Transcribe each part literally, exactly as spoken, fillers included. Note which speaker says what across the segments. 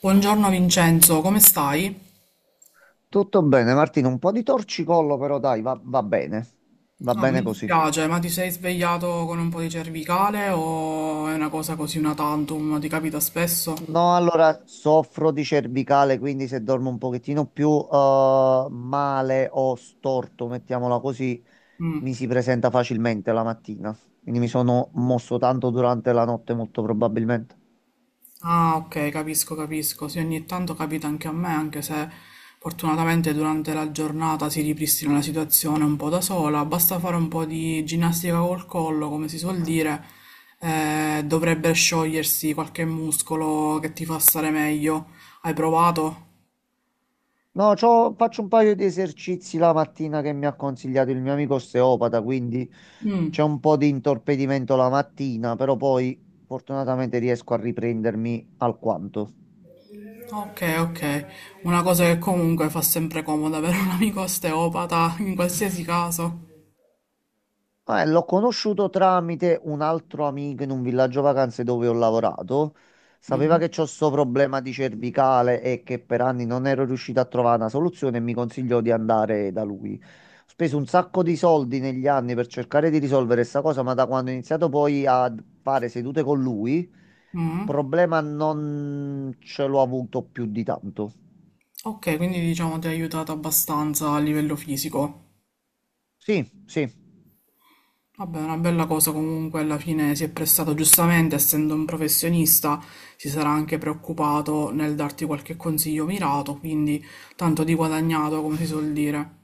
Speaker 1: Buongiorno Vincenzo, come stai?
Speaker 2: Tutto bene, Martino, un po' di torcicollo però dai, va, va bene, va
Speaker 1: Ah,
Speaker 2: bene
Speaker 1: mi
Speaker 2: così.
Speaker 1: dispiace, ma ti sei svegliato con un po' di cervicale o è una cosa così una tantum? Ti capita spesso?
Speaker 2: No, allora soffro di cervicale, quindi se dormo un pochettino più eh, male o storto, mettiamola così, mi si presenta facilmente la mattina. Quindi mi sono mosso tanto durante la notte, molto probabilmente.
Speaker 1: Ah, ok, capisco, capisco. Sì, ogni tanto capita anche a me, anche se fortunatamente durante la giornata si ripristina la situazione un po' da sola. Basta fare un po' di ginnastica col collo, come si suol dire, eh, dovrebbe sciogliersi qualche muscolo che ti fa stare meglio. Hai provato?
Speaker 2: No, c'ho- faccio un paio di esercizi la mattina che mi ha consigliato il mio amico osteopata, quindi
Speaker 1: Mm.
Speaker 2: c'è un po' di intorpidimento la mattina, però poi fortunatamente riesco a riprendermi alquanto.
Speaker 1: Ok, ok. Una cosa che comunque fa sempre comodo avere un amico osteopata in qualsiasi caso.
Speaker 2: Eh, l'ho conosciuto tramite un altro amico in un villaggio vacanze dove ho lavorato. Sapeva
Speaker 1: Mhm.
Speaker 2: che c'ho sto problema di cervicale e che per anni non ero riuscito a trovare una soluzione e mi consigliò di andare da lui. Ho speso un sacco di soldi negli anni per cercare di risolvere questa cosa, ma da quando ho iniziato poi a fare sedute con lui,
Speaker 1: Mhm.
Speaker 2: problema non ce l'ho avuto più di tanto.
Speaker 1: Ok, quindi diciamo ti ha aiutato abbastanza a livello fisico.
Speaker 2: Sì, sì.
Speaker 1: Vabbè, è una bella cosa comunque, alla fine si è prestato giustamente, essendo un professionista, si sarà anche preoccupato nel darti qualche consiglio mirato, quindi tanto di guadagnato, come si suol dire.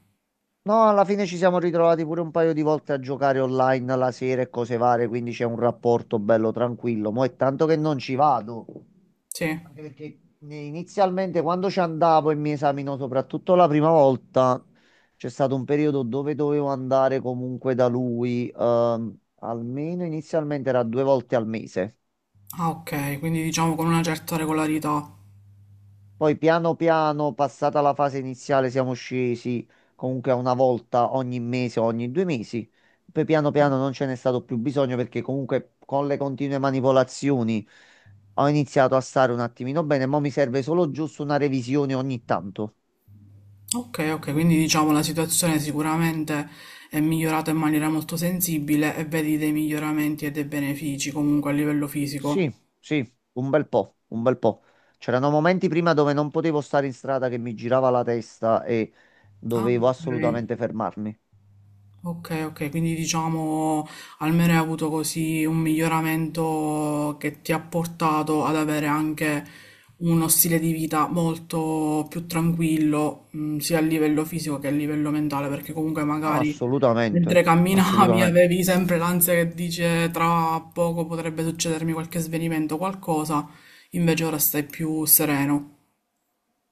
Speaker 2: No, alla fine ci siamo ritrovati pure un paio di volte a giocare online la sera e cose varie, quindi c'è un rapporto bello tranquillo. Mo' è tanto che non ci vado,
Speaker 1: Sì.
Speaker 2: anche perché ne- inizialmente quando ci andavo e mi esaminò soprattutto la prima volta, c'è stato un periodo dove dovevo andare comunque da lui, ehm, almeno inizialmente era due volte al mese.
Speaker 1: Ah, ok, quindi diciamo con una certa regolarità.
Speaker 2: Poi piano piano, passata la fase iniziale, siamo scesi comunque a una volta ogni mese o ogni due mesi. Poi piano piano non ce n'è stato più bisogno perché comunque con le continue manipolazioni ho iniziato a stare un attimino bene, ma mi serve solo giusto una revisione ogni tanto.
Speaker 1: Okay, okay, quindi diciamo la situazione sicuramente è migliorata in maniera molto sensibile e vedi dei miglioramenti e dei benefici comunque a livello fisico.
Speaker 2: Sì, sì, un bel po', un bel po'. C'erano momenti prima dove non potevo stare in strada che mi girava la testa e
Speaker 1: Ah,
Speaker 2: dovevo
Speaker 1: ok.
Speaker 2: assolutamente fermarmi.
Speaker 1: Ok, ok, quindi diciamo almeno hai avuto così un miglioramento che ti ha portato ad avere anche uno stile di vita molto più tranquillo, mh, sia a livello fisico che a livello mentale, perché comunque magari
Speaker 2: Assolutamente,
Speaker 1: mentre camminavi
Speaker 2: assolutamente.
Speaker 1: avevi sempre l'ansia che dice tra poco potrebbe succedermi qualche svenimento, o qualcosa, invece ora stai più sereno.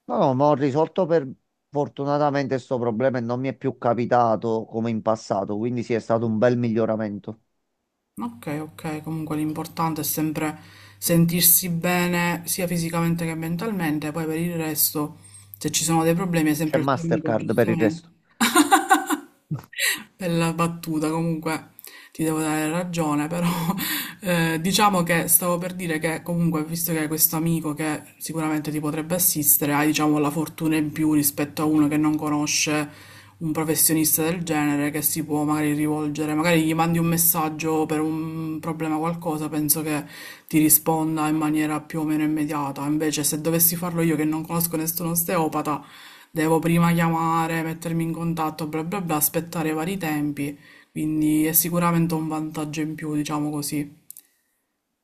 Speaker 2: No, no, ma ho risolto per fortunatamente questo problema e non mi è più capitato come in passato, quindi sì, è stato un bel miglioramento.
Speaker 1: Ok, ok, comunque l'importante è sempre sentirsi bene sia fisicamente che mentalmente, poi per il resto, se ci sono dei problemi, è
Speaker 2: C'è
Speaker 1: sempre il tuo amico,
Speaker 2: Mastercard per il resto.
Speaker 1: giustamente. Bella battuta, comunque ti devo dare ragione, però eh, diciamo che stavo per dire che comunque, visto che hai questo amico che sicuramente ti potrebbe assistere, hai diciamo la fortuna in più rispetto a uno che non conosce un professionista del genere che si può magari rivolgere, magari gli mandi un messaggio per un problema o qualcosa, penso che ti risponda in maniera più o meno immediata. Invece se dovessi farlo io che non conosco nessun osteopata, devo prima chiamare, mettermi in contatto, bla bla bla, aspettare i vari tempi, quindi è sicuramente un vantaggio in più, diciamo così.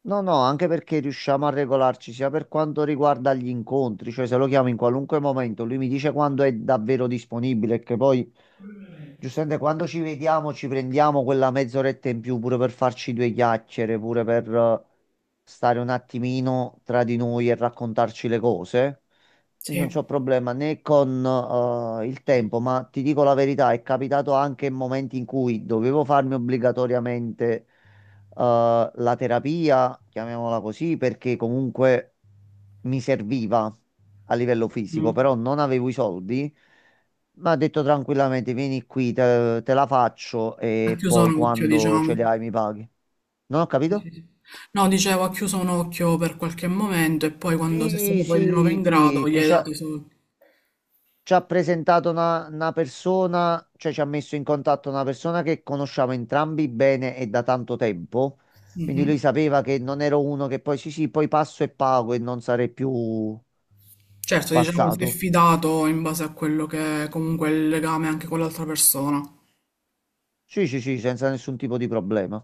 Speaker 2: No, no, anche perché riusciamo a regolarci sia per quanto riguarda gli incontri, cioè se lo chiamo in qualunque momento, lui mi dice quando è davvero disponibile, che poi Giuseppe, quando ci vediamo ci prendiamo quella mezz'oretta in più pure per farci due chiacchiere, pure per eh, stare un attimino tra di noi e raccontarci le cose. Quindi non
Speaker 1: Sì.
Speaker 2: c'ho problema né con eh, il tempo, ma ti dico la verità, è capitato anche in momenti in cui dovevo farmi obbligatoriamente eh, la terapia, chiamiamola così, perché comunque mi serviva a livello fisico,
Speaker 1: Mm.
Speaker 2: però non avevo i soldi. Mi ha detto tranquillamente, vieni qui, te, te la faccio
Speaker 1: Ha
Speaker 2: e
Speaker 1: chiuso
Speaker 2: poi
Speaker 1: un occhio,
Speaker 2: quando ce li
Speaker 1: diciamo.
Speaker 2: hai mi paghi. Non ho capito?
Speaker 1: No, dicevo, ha chiuso un occhio per qualche momento e poi quando sei stato
Speaker 2: Sì,
Speaker 1: poi di nuovo
Speaker 2: sì,
Speaker 1: in
Speaker 2: sì,
Speaker 1: grado gli
Speaker 2: che
Speaker 1: hai dato i
Speaker 2: c'ha...
Speaker 1: soldi.
Speaker 2: ci ha presentato una, una persona, cioè ci ha messo in contatto una persona che conosciamo entrambi bene e da tanto tempo. Quindi
Speaker 1: Mhm.
Speaker 2: lui sapeva che non ero uno che poi sì, sì, poi passo e pago e non sarei più
Speaker 1: Certo, diciamo, si è
Speaker 2: passato.
Speaker 1: fidato in base a quello che è comunque è il legame anche con l'altra persona.
Speaker 2: Sì, sì, sì, senza nessun tipo di problema.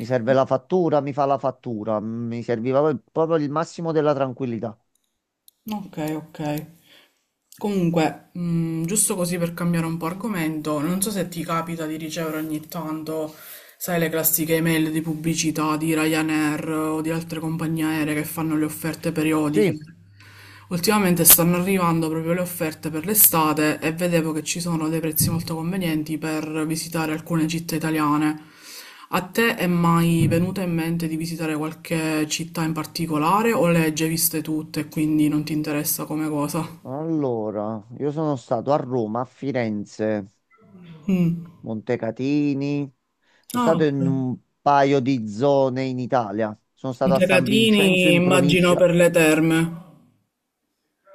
Speaker 2: Mi serve la fattura, mi fa la fattura. Mi serviva poi- proprio il massimo della tranquillità.
Speaker 1: Ok, ok. Comunque, mh, giusto così per cambiare un po' argomento, non so se ti capita di ricevere ogni tanto, sai, le classiche email di pubblicità di Ryanair o di altre compagnie aeree che fanno le offerte periodiche.
Speaker 2: Sì,
Speaker 1: Ultimamente stanno arrivando proprio le offerte per l'estate e vedevo che ci sono dei prezzi molto convenienti per visitare alcune città italiane. A te è mai venuta in mente di visitare qualche città in particolare o le hai già viste tutte e quindi non ti interessa come cosa?
Speaker 2: allora, io sono stato a Roma, a Firenze.
Speaker 1: Mm.
Speaker 2: Montecatini. Sono
Speaker 1: Ah,
Speaker 2: stato
Speaker 1: ok.
Speaker 2: in un paio di zone in Italia. Sono
Speaker 1: I
Speaker 2: stato a San Vincenzo
Speaker 1: Tecatini
Speaker 2: in
Speaker 1: immagino
Speaker 2: provincia.
Speaker 1: per le terme.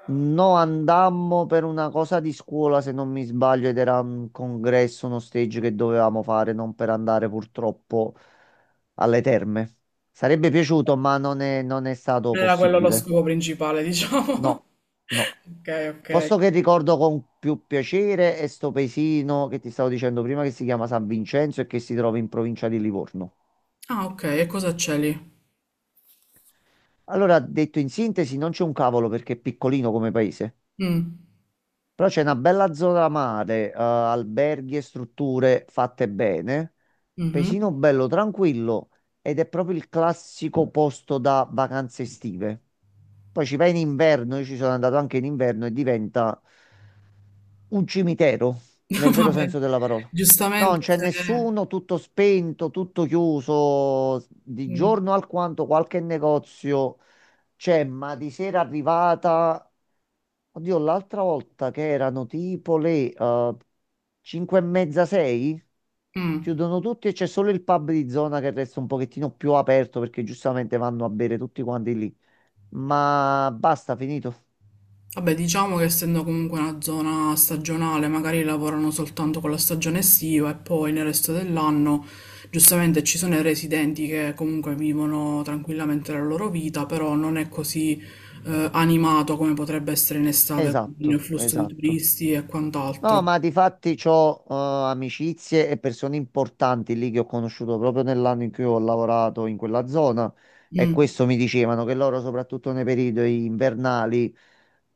Speaker 2: No, andammo per una cosa di scuola, se non mi sbaglio, ed era un congresso, uno stage che dovevamo fare, non per andare purtroppo alle terme. Sarebbe piaciuto, ma non è, non è stato
Speaker 1: Non Era quello lo
Speaker 2: possibile.
Speaker 1: scopo principale, diciamo.
Speaker 2: No, no.
Speaker 1: Ok, ok.
Speaker 2: Posto che ricordo con più piacere è sto paesino che ti stavo dicendo prima che si chiama San Vincenzo e che si trova in provincia di Livorno.
Speaker 1: Ah, ok, e cosa c'è lì?
Speaker 2: Allora, detto in sintesi, non c'è un cavolo perché è piccolino come paese,
Speaker 1: Mm.
Speaker 2: però c'è una bella zona mare, eh, alberghi e strutture fatte bene,
Speaker 1: Mhm.
Speaker 2: paesino bello, tranquillo ed è proprio il classico posto da vacanze estive. Poi ci vai in inverno, io ci sono andato anche in inverno e diventa un cimitero, nel
Speaker 1: Va
Speaker 2: vero
Speaker 1: bene.
Speaker 2: senso della parola. No, non
Speaker 1: Giustamente
Speaker 2: c'è
Speaker 1: se...
Speaker 2: nessuno, tutto spento, tutto chiuso, di
Speaker 1: Mm.
Speaker 2: giorno alquanto qualche negozio. Cioè, ma di sera arrivata, oddio, l'altra volta che erano tipo le cinque e mezza, sei,
Speaker 1: Mm.
Speaker 2: chiudono tutti e c'è solo il pub di zona che resta un pochettino più aperto perché giustamente vanno a bere tutti quanti lì. Ma basta, finito.
Speaker 1: Vabbè, diciamo che essendo comunque una zona stagionale, magari lavorano soltanto con la stagione estiva e poi nel resto dell'anno, giustamente ci sono i residenti che comunque vivono tranquillamente la loro vita, però non è così eh, animato come potrebbe essere in estate con il
Speaker 2: Esatto,
Speaker 1: flusso di
Speaker 2: esatto.
Speaker 1: turisti e
Speaker 2: No,
Speaker 1: quant'altro.
Speaker 2: ma di fatti ho amicizie e persone importanti lì che ho conosciuto proprio nell'anno in cui ho lavorato in quella zona e
Speaker 1: Mm.
Speaker 2: questo mi dicevano che loro, soprattutto nei periodi invernali,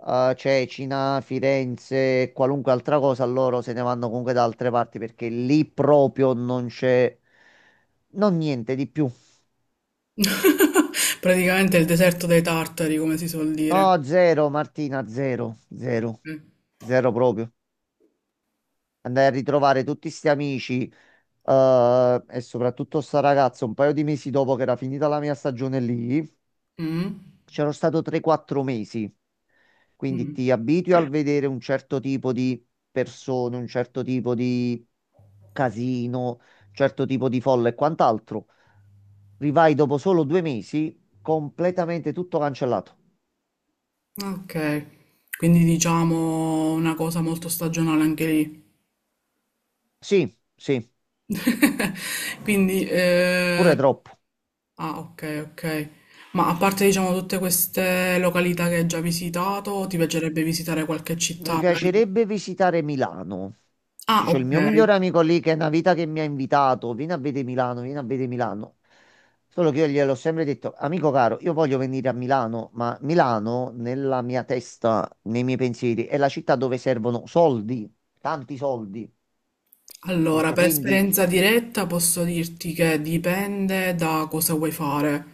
Speaker 2: eh, Cecina, Firenze, e qualunque altra cosa, loro se ne vanno comunque da altre parti perché lì proprio non c'è, non niente di più.
Speaker 1: Praticamente il deserto dei tartari, come si suol dire.
Speaker 2: No, zero, Martina, zero, zero,
Speaker 1: Ok.
Speaker 2: zero proprio. Andai a ritrovare tutti sti amici. Eh, e soprattutto sta ragazza, un paio di mesi dopo che era finita la mia stagione lì,
Speaker 1: Mm.
Speaker 2: c'ero stato tre quattro mesi. Quindi
Speaker 1: Mm.
Speaker 2: ti abitui al vedere un certo tipo di persone, un certo tipo di casino, un certo tipo di folla e quant'altro. Rivai dopo solo due mesi, completamente tutto cancellato.
Speaker 1: Ok. Quindi diciamo una cosa molto stagionale anche lì.
Speaker 2: Sì, sì,
Speaker 1: Quindi, eh,
Speaker 2: pure troppo.
Speaker 1: ah, ok, ok. Ma a parte, diciamo, tutte queste località che hai già visitato, ti piacerebbe visitare qualche città?
Speaker 2: Mi
Speaker 1: Magari?
Speaker 2: piacerebbe visitare Milano,
Speaker 1: Ah,
Speaker 2: che c'ho il
Speaker 1: ok.
Speaker 2: mio migliore amico lì che è una vita che mi ha invitato, vieni a vedere Milano, vieni a vedere Milano. Solo che io gliel'ho sempre detto, amico caro, io voglio venire a Milano, ma Milano nella mia testa, nei miei pensieri, è la città dove servono soldi, tanti soldi. Ho
Speaker 1: Allora,
Speaker 2: Detto
Speaker 1: per
Speaker 2: quindi,
Speaker 1: esperienza diretta posso dirti che dipende da cosa vuoi fare.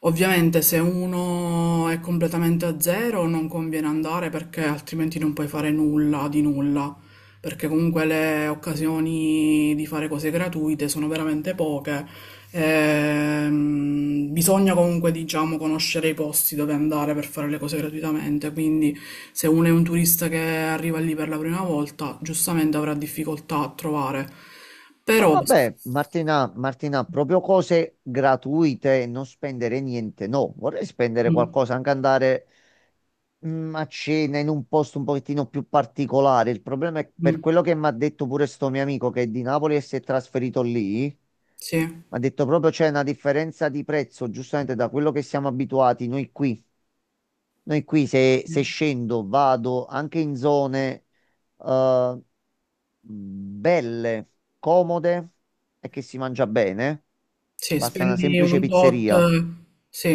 Speaker 1: Ovviamente se uno è completamente a zero non conviene andare perché altrimenti non puoi fare nulla di nulla. Perché comunque le occasioni di fare cose gratuite sono veramente poche. Ehm, bisogna comunque, diciamo, conoscere i posti dove andare per fare le cose gratuitamente, quindi se uno è un turista che arriva lì per la prima volta, giustamente avrà difficoltà a trovare.
Speaker 2: no
Speaker 1: Però,
Speaker 2: vabbè, Martina, Martina, proprio cose gratuite, non spendere niente, no, vorrei spendere
Speaker 1: mm,
Speaker 2: qualcosa, anche andare mm, a cena in un posto un pochettino più particolare. Il problema è per
Speaker 1: mm,
Speaker 2: quello che mi ha detto pure sto mio amico che è di Napoli e si è trasferito lì.
Speaker 1: sì,
Speaker 2: Mi ha detto proprio c'è una differenza di prezzo, giustamente da quello che siamo abituati noi qui. Noi qui se, se scendo vado anche in zone eh, belle, comode e che si mangia bene.
Speaker 1: sì,
Speaker 2: Basta una
Speaker 1: spendi
Speaker 2: semplice
Speaker 1: un tot,
Speaker 2: pizzeria.
Speaker 1: sì,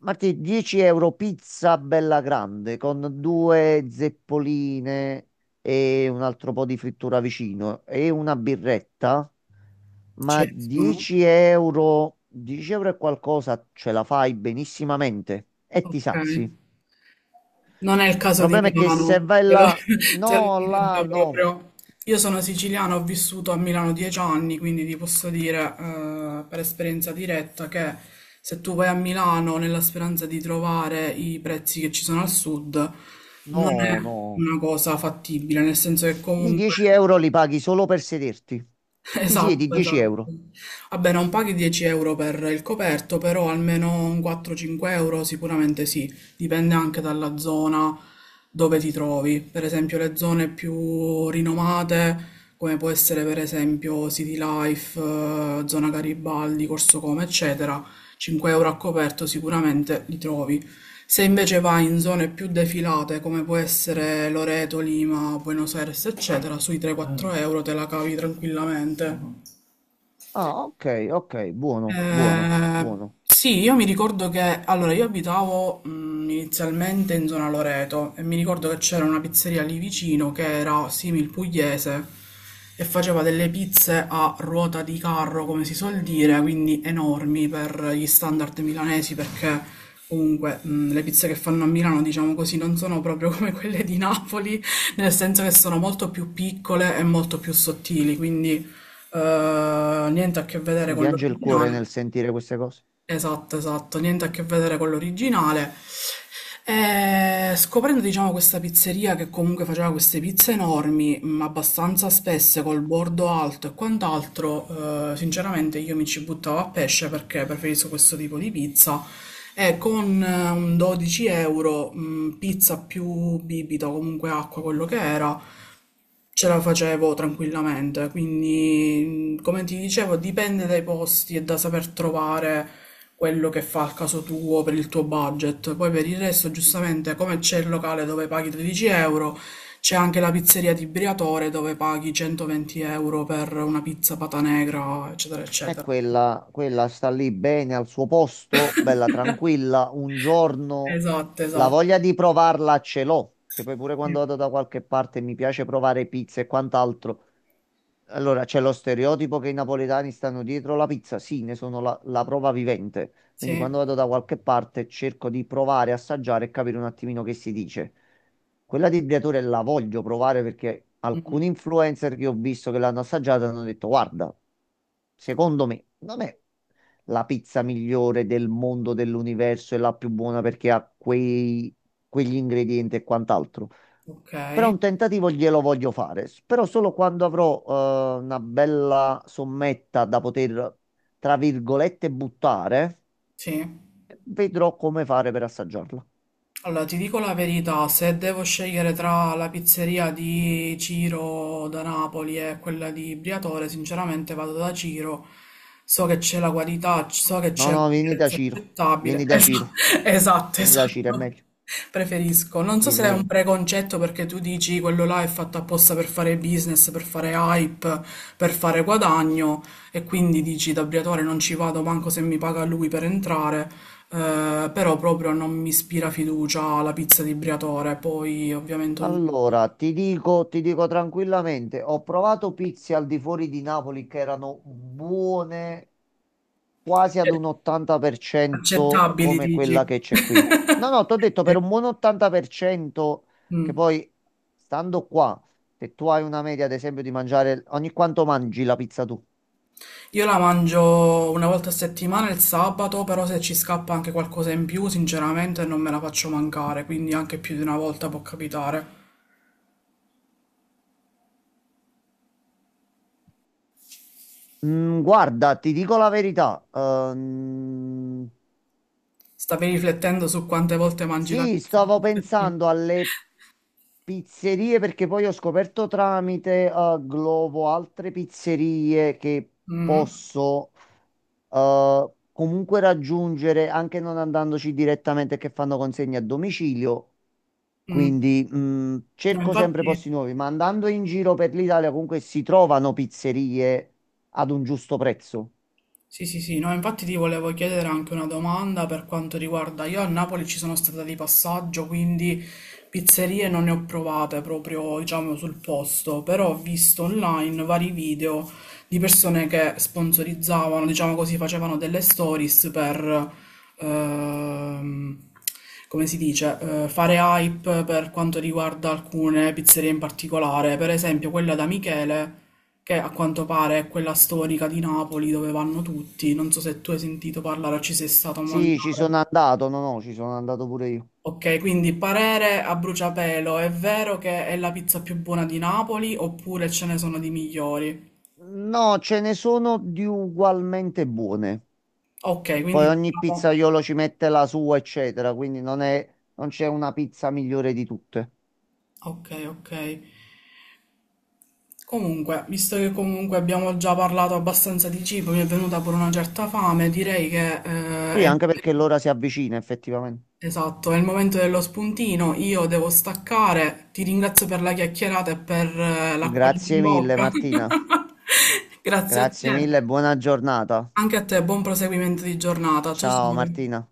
Speaker 2: Marti, dieci euro pizza bella grande con due zeppoline e un altro po' di frittura vicino e una birretta,
Speaker 1: ci
Speaker 2: ma
Speaker 1: escono.
Speaker 2: dieci euro, dieci euro e qualcosa ce la fai benissimamente e ti
Speaker 1: Ok.
Speaker 2: sazi. Il
Speaker 1: Non è il caso di
Speaker 2: problema è che se
Speaker 1: Milano,
Speaker 2: vai
Speaker 1: te lo,
Speaker 2: là,
Speaker 1: te lo
Speaker 2: no,
Speaker 1: dico
Speaker 2: là,
Speaker 1: già
Speaker 2: no,
Speaker 1: proprio. Io sono siciliana, ho vissuto a Milano dieci anni, quindi ti posso dire eh, per esperienza diretta che se tu vai a Milano nella speranza di trovare i prezzi che ci sono al sud, non
Speaker 2: no,
Speaker 1: è
Speaker 2: no,
Speaker 1: una cosa fattibile, nel senso che
Speaker 2: lì
Speaker 1: comunque
Speaker 2: dieci euro li paghi solo per sederti. Ti siedi
Speaker 1: Esatto,
Speaker 2: 10
Speaker 1: esatto.
Speaker 2: euro.
Speaker 1: Vabbè, non paghi dieci euro per il coperto, però almeno un quattro-cinque euro sicuramente sì, dipende anche dalla zona dove ti trovi. Per esempio, le zone più rinomate, come può essere per esempio City Life, eh, zona Garibaldi, Corso Come, eccetera, cinque euro a coperto sicuramente li trovi. Se invece vai in zone più defilate, come può essere Loreto, Lima, Buenos Aires, eccetera, sui tre-quattro euro te la cavi tranquillamente.
Speaker 2: Ah, ok, ok, buono, buono,
Speaker 1: Eh,
Speaker 2: buono.
Speaker 1: sì, io mi ricordo che allora io abitavo mh, inizialmente in zona Loreto e mi ricordo che c'era una pizzeria lì vicino che era simil pugliese e faceva delle pizze a ruota di carro, come si suol dire, quindi enormi per gli standard milanesi perché comunque mh, le pizze che fanno a Milano, diciamo così, non sono proprio come quelle di Napoli, nel senso che sono molto più piccole e molto più sottili, quindi eh, niente a che vedere
Speaker 2: mi
Speaker 1: con
Speaker 2: piange il cuore
Speaker 1: l'originale.
Speaker 2: nel sentire queste cose.
Speaker 1: Esatto, esatto, niente a che vedere con l'originale. E scoprendo, diciamo, questa pizzeria che comunque faceva queste pizze enormi, mh, abbastanza spesse, col bordo alto e quant'altro, eh, sinceramente io mi ci buttavo a pesce perché preferisco questo tipo di pizza. E con eh, un dodici euro, mh, pizza più bibita o comunque acqua, quello che era, ce la facevo tranquillamente, quindi mh, come ti dicevo dipende dai posti e da saper trovare quello che fa al caso tuo per il tuo budget. Poi per il resto, giustamente, come c'è il locale dove paghi tredici euro, c'è anche la pizzeria di Briatore dove paghi centoventi euro per una pizza pata negra, eccetera,
Speaker 2: E
Speaker 1: eccetera.
Speaker 2: quella, quella sta lì bene al suo posto, bella tranquilla. Un giorno
Speaker 1: Esatto,
Speaker 2: la
Speaker 1: esatto.
Speaker 2: voglia di provarla ce l'ho, che poi pure quando vado da qualche parte mi piace provare pizza e quant'altro. Allora, c'è lo stereotipo che i napoletani stanno dietro la pizza, sì, ne sono la, la prova vivente. Quindi
Speaker 1: Sì,
Speaker 2: quando vado da qualche parte cerco di provare, assaggiare e capire un attimino che si dice. Quella di Briatore la voglio provare perché alcuni influencer che ho visto che l'hanno assaggiata hanno detto, guarda, secondo me non è la pizza migliore del mondo, dell'universo e la più buona perché ha quei, quegli ingredienti e quant'altro.
Speaker 1: ok,
Speaker 2: Però un tentativo glielo voglio fare, s- però solo quando avrò eh, una bella sommetta da poter, tra virgolette, buttare,
Speaker 1: sì.
Speaker 2: vedrò come fare per assaggiarla.
Speaker 1: Allora, ti dico la verità, se devo scegliere tra la pizzeria di Ciro da Napoli e quella di Briatore, sinceramente vado da Ciro. So che c'è la qualità, c- so che
Speaker 2: No,
Speaker 1: c'è un
Speaker 2: no, vieni da
Speaker 1: prezzo
Speaker 2: Ciro,
Speaker 1: accettabile.
Speaker 2: vieni da Ciro,
Speaker 1: Esa- Esatto,
Speaker 2: vieni da Ciro, è
Speaker 1: esatto.
Speaker 2: meglio.
Speaker 1: Preferisco. Non so se
Speaker 2: Vieni,
Speaker 1: è un
Speaker 2: vieni.
Speaker 1: preconcetto perché tu dici quello là è fatto apposta per fare business, per fare hype, per fare guadagno e quindi dici da Briatore non ci vado manco se mi paga lui per entrare. Eh, però proprio non mi ispira fiducia la pizza di Briatore, poi ovviamente ognuno
Speaker 2: Allora, ti dico, ti dico tranquillamente, ho provato pizze al di fuori di Napoli che erano buone quasi ad
Speaker 1: è
Speaker 2: un ottanta per cento
Speaker 1: accettabili,
Speaker 2: come
Speaker 1: dici.
Speaker 2: quella che c'è qui. No, no, ti ho detto per un buon ottanta per cento che
Speaker 1: Mm.
Speaker 2: poi, stando qua, se tu hai una media, ad esempio, di mangiare ogni quanto mangi la pizza tu?
Speaker 1: Io la mangio una volta a settimana il sabato, però se ci scappa anche qualcosa in più, sinceramente non me la faccio mancare, quindi anche più di una volta può capitare.
Speaker 2: Mm, guarda, ti dico la verità. Ehm,
Speaker 1: Stavi riflettendo su quante volte mangi la
Speaker 2: sì,
Speaker 1: pizza?
Speaker 2: stavo pensando alle pizzerie perché poi ho scoperto tramite eh, Glovo altre pizzerie che
Speaker 1: Mm,
Speaker 2: posso eh, comunque raggiungere anche non andandoci direttamente che fanno consegne a domicilio.
Speaker 1: mm.
Speaker 2: Quindi mh,
Speaker 1: No,
Speaker 2: cerco sempre
Speaker 1: infatti...
Speaker 2: posti nuovi, ma andando in giro per l'Italia comunque si trovano pizzerie ad un giusto prezzo.
Speaker 1: Sì, sì, sì, no, infatti ti volevo chiedere anche una domanda per quanto riguarda, io a Napoli ci sono stata di passaggio, quindi pizzerie non ne ho provate proprio, diciamo, sul posto, però ho visto online vari video di persone che sponsorizzavano, diciamo così, facevano delle stories per, ehm, come si dice, eh, fare hype per quanto riguarda alcune pizzerie in particolare, per esempio quella da Michele che a quanto pare è quella storica di Napoli dove vanno tutti. Non so se tu hai sentito parlare o ci sei stato a
Speaker 2: Sì, ci
Speaker 1: mangiare.
Speaker 2: sono andato, no, no, ci sono andato pure io.
Speaker 1: Ok, quindi parere a bruciapelo, è vero che è la pizza più buona di Napoli oppure ce ne sono di migliori?
Speaker 2: No, ce ne sono di ugualmente buone.
Speaker 1: Ok,
Speaker 2: Poi
Speaker 1: quindi
Speaker 2: ogni
Speaker 1: diciamo...
Speaker 2: pizzaiolo ci mette la sua, eccetera, quindi non è, non c'è una pizza migliore di tutte.
Speaker 1: Ok, ok. Comunque, visto che comunque abbiamo già parlato abbastanza di cibo, mi è venuta pure una certa fame, direi che eh,
Speaker 2: Sì,
Speaker 1: è...
Speaker 2: anche perché l'ora si avvicina effettivamente.
Speaker 1: Esatto, è il momento dello spuntino, io devo staccare, ti ringrazio per la chiacchierata e per eh, l'acquolina in
Speaker 2: Grazie mille
Speaker 1: bocca.
Speaker 2: Martina,
Speaker 1: Grazie a
Speaker 2: grazie
Speaker 1: te,
Speaker 2: mille e buona giornata.
Speaker 1: anche a te, buon proseguimento di giornata. Ciao
Speaker 2: Ciao
Speaker 1: ciao.
Speaker 2: Martina.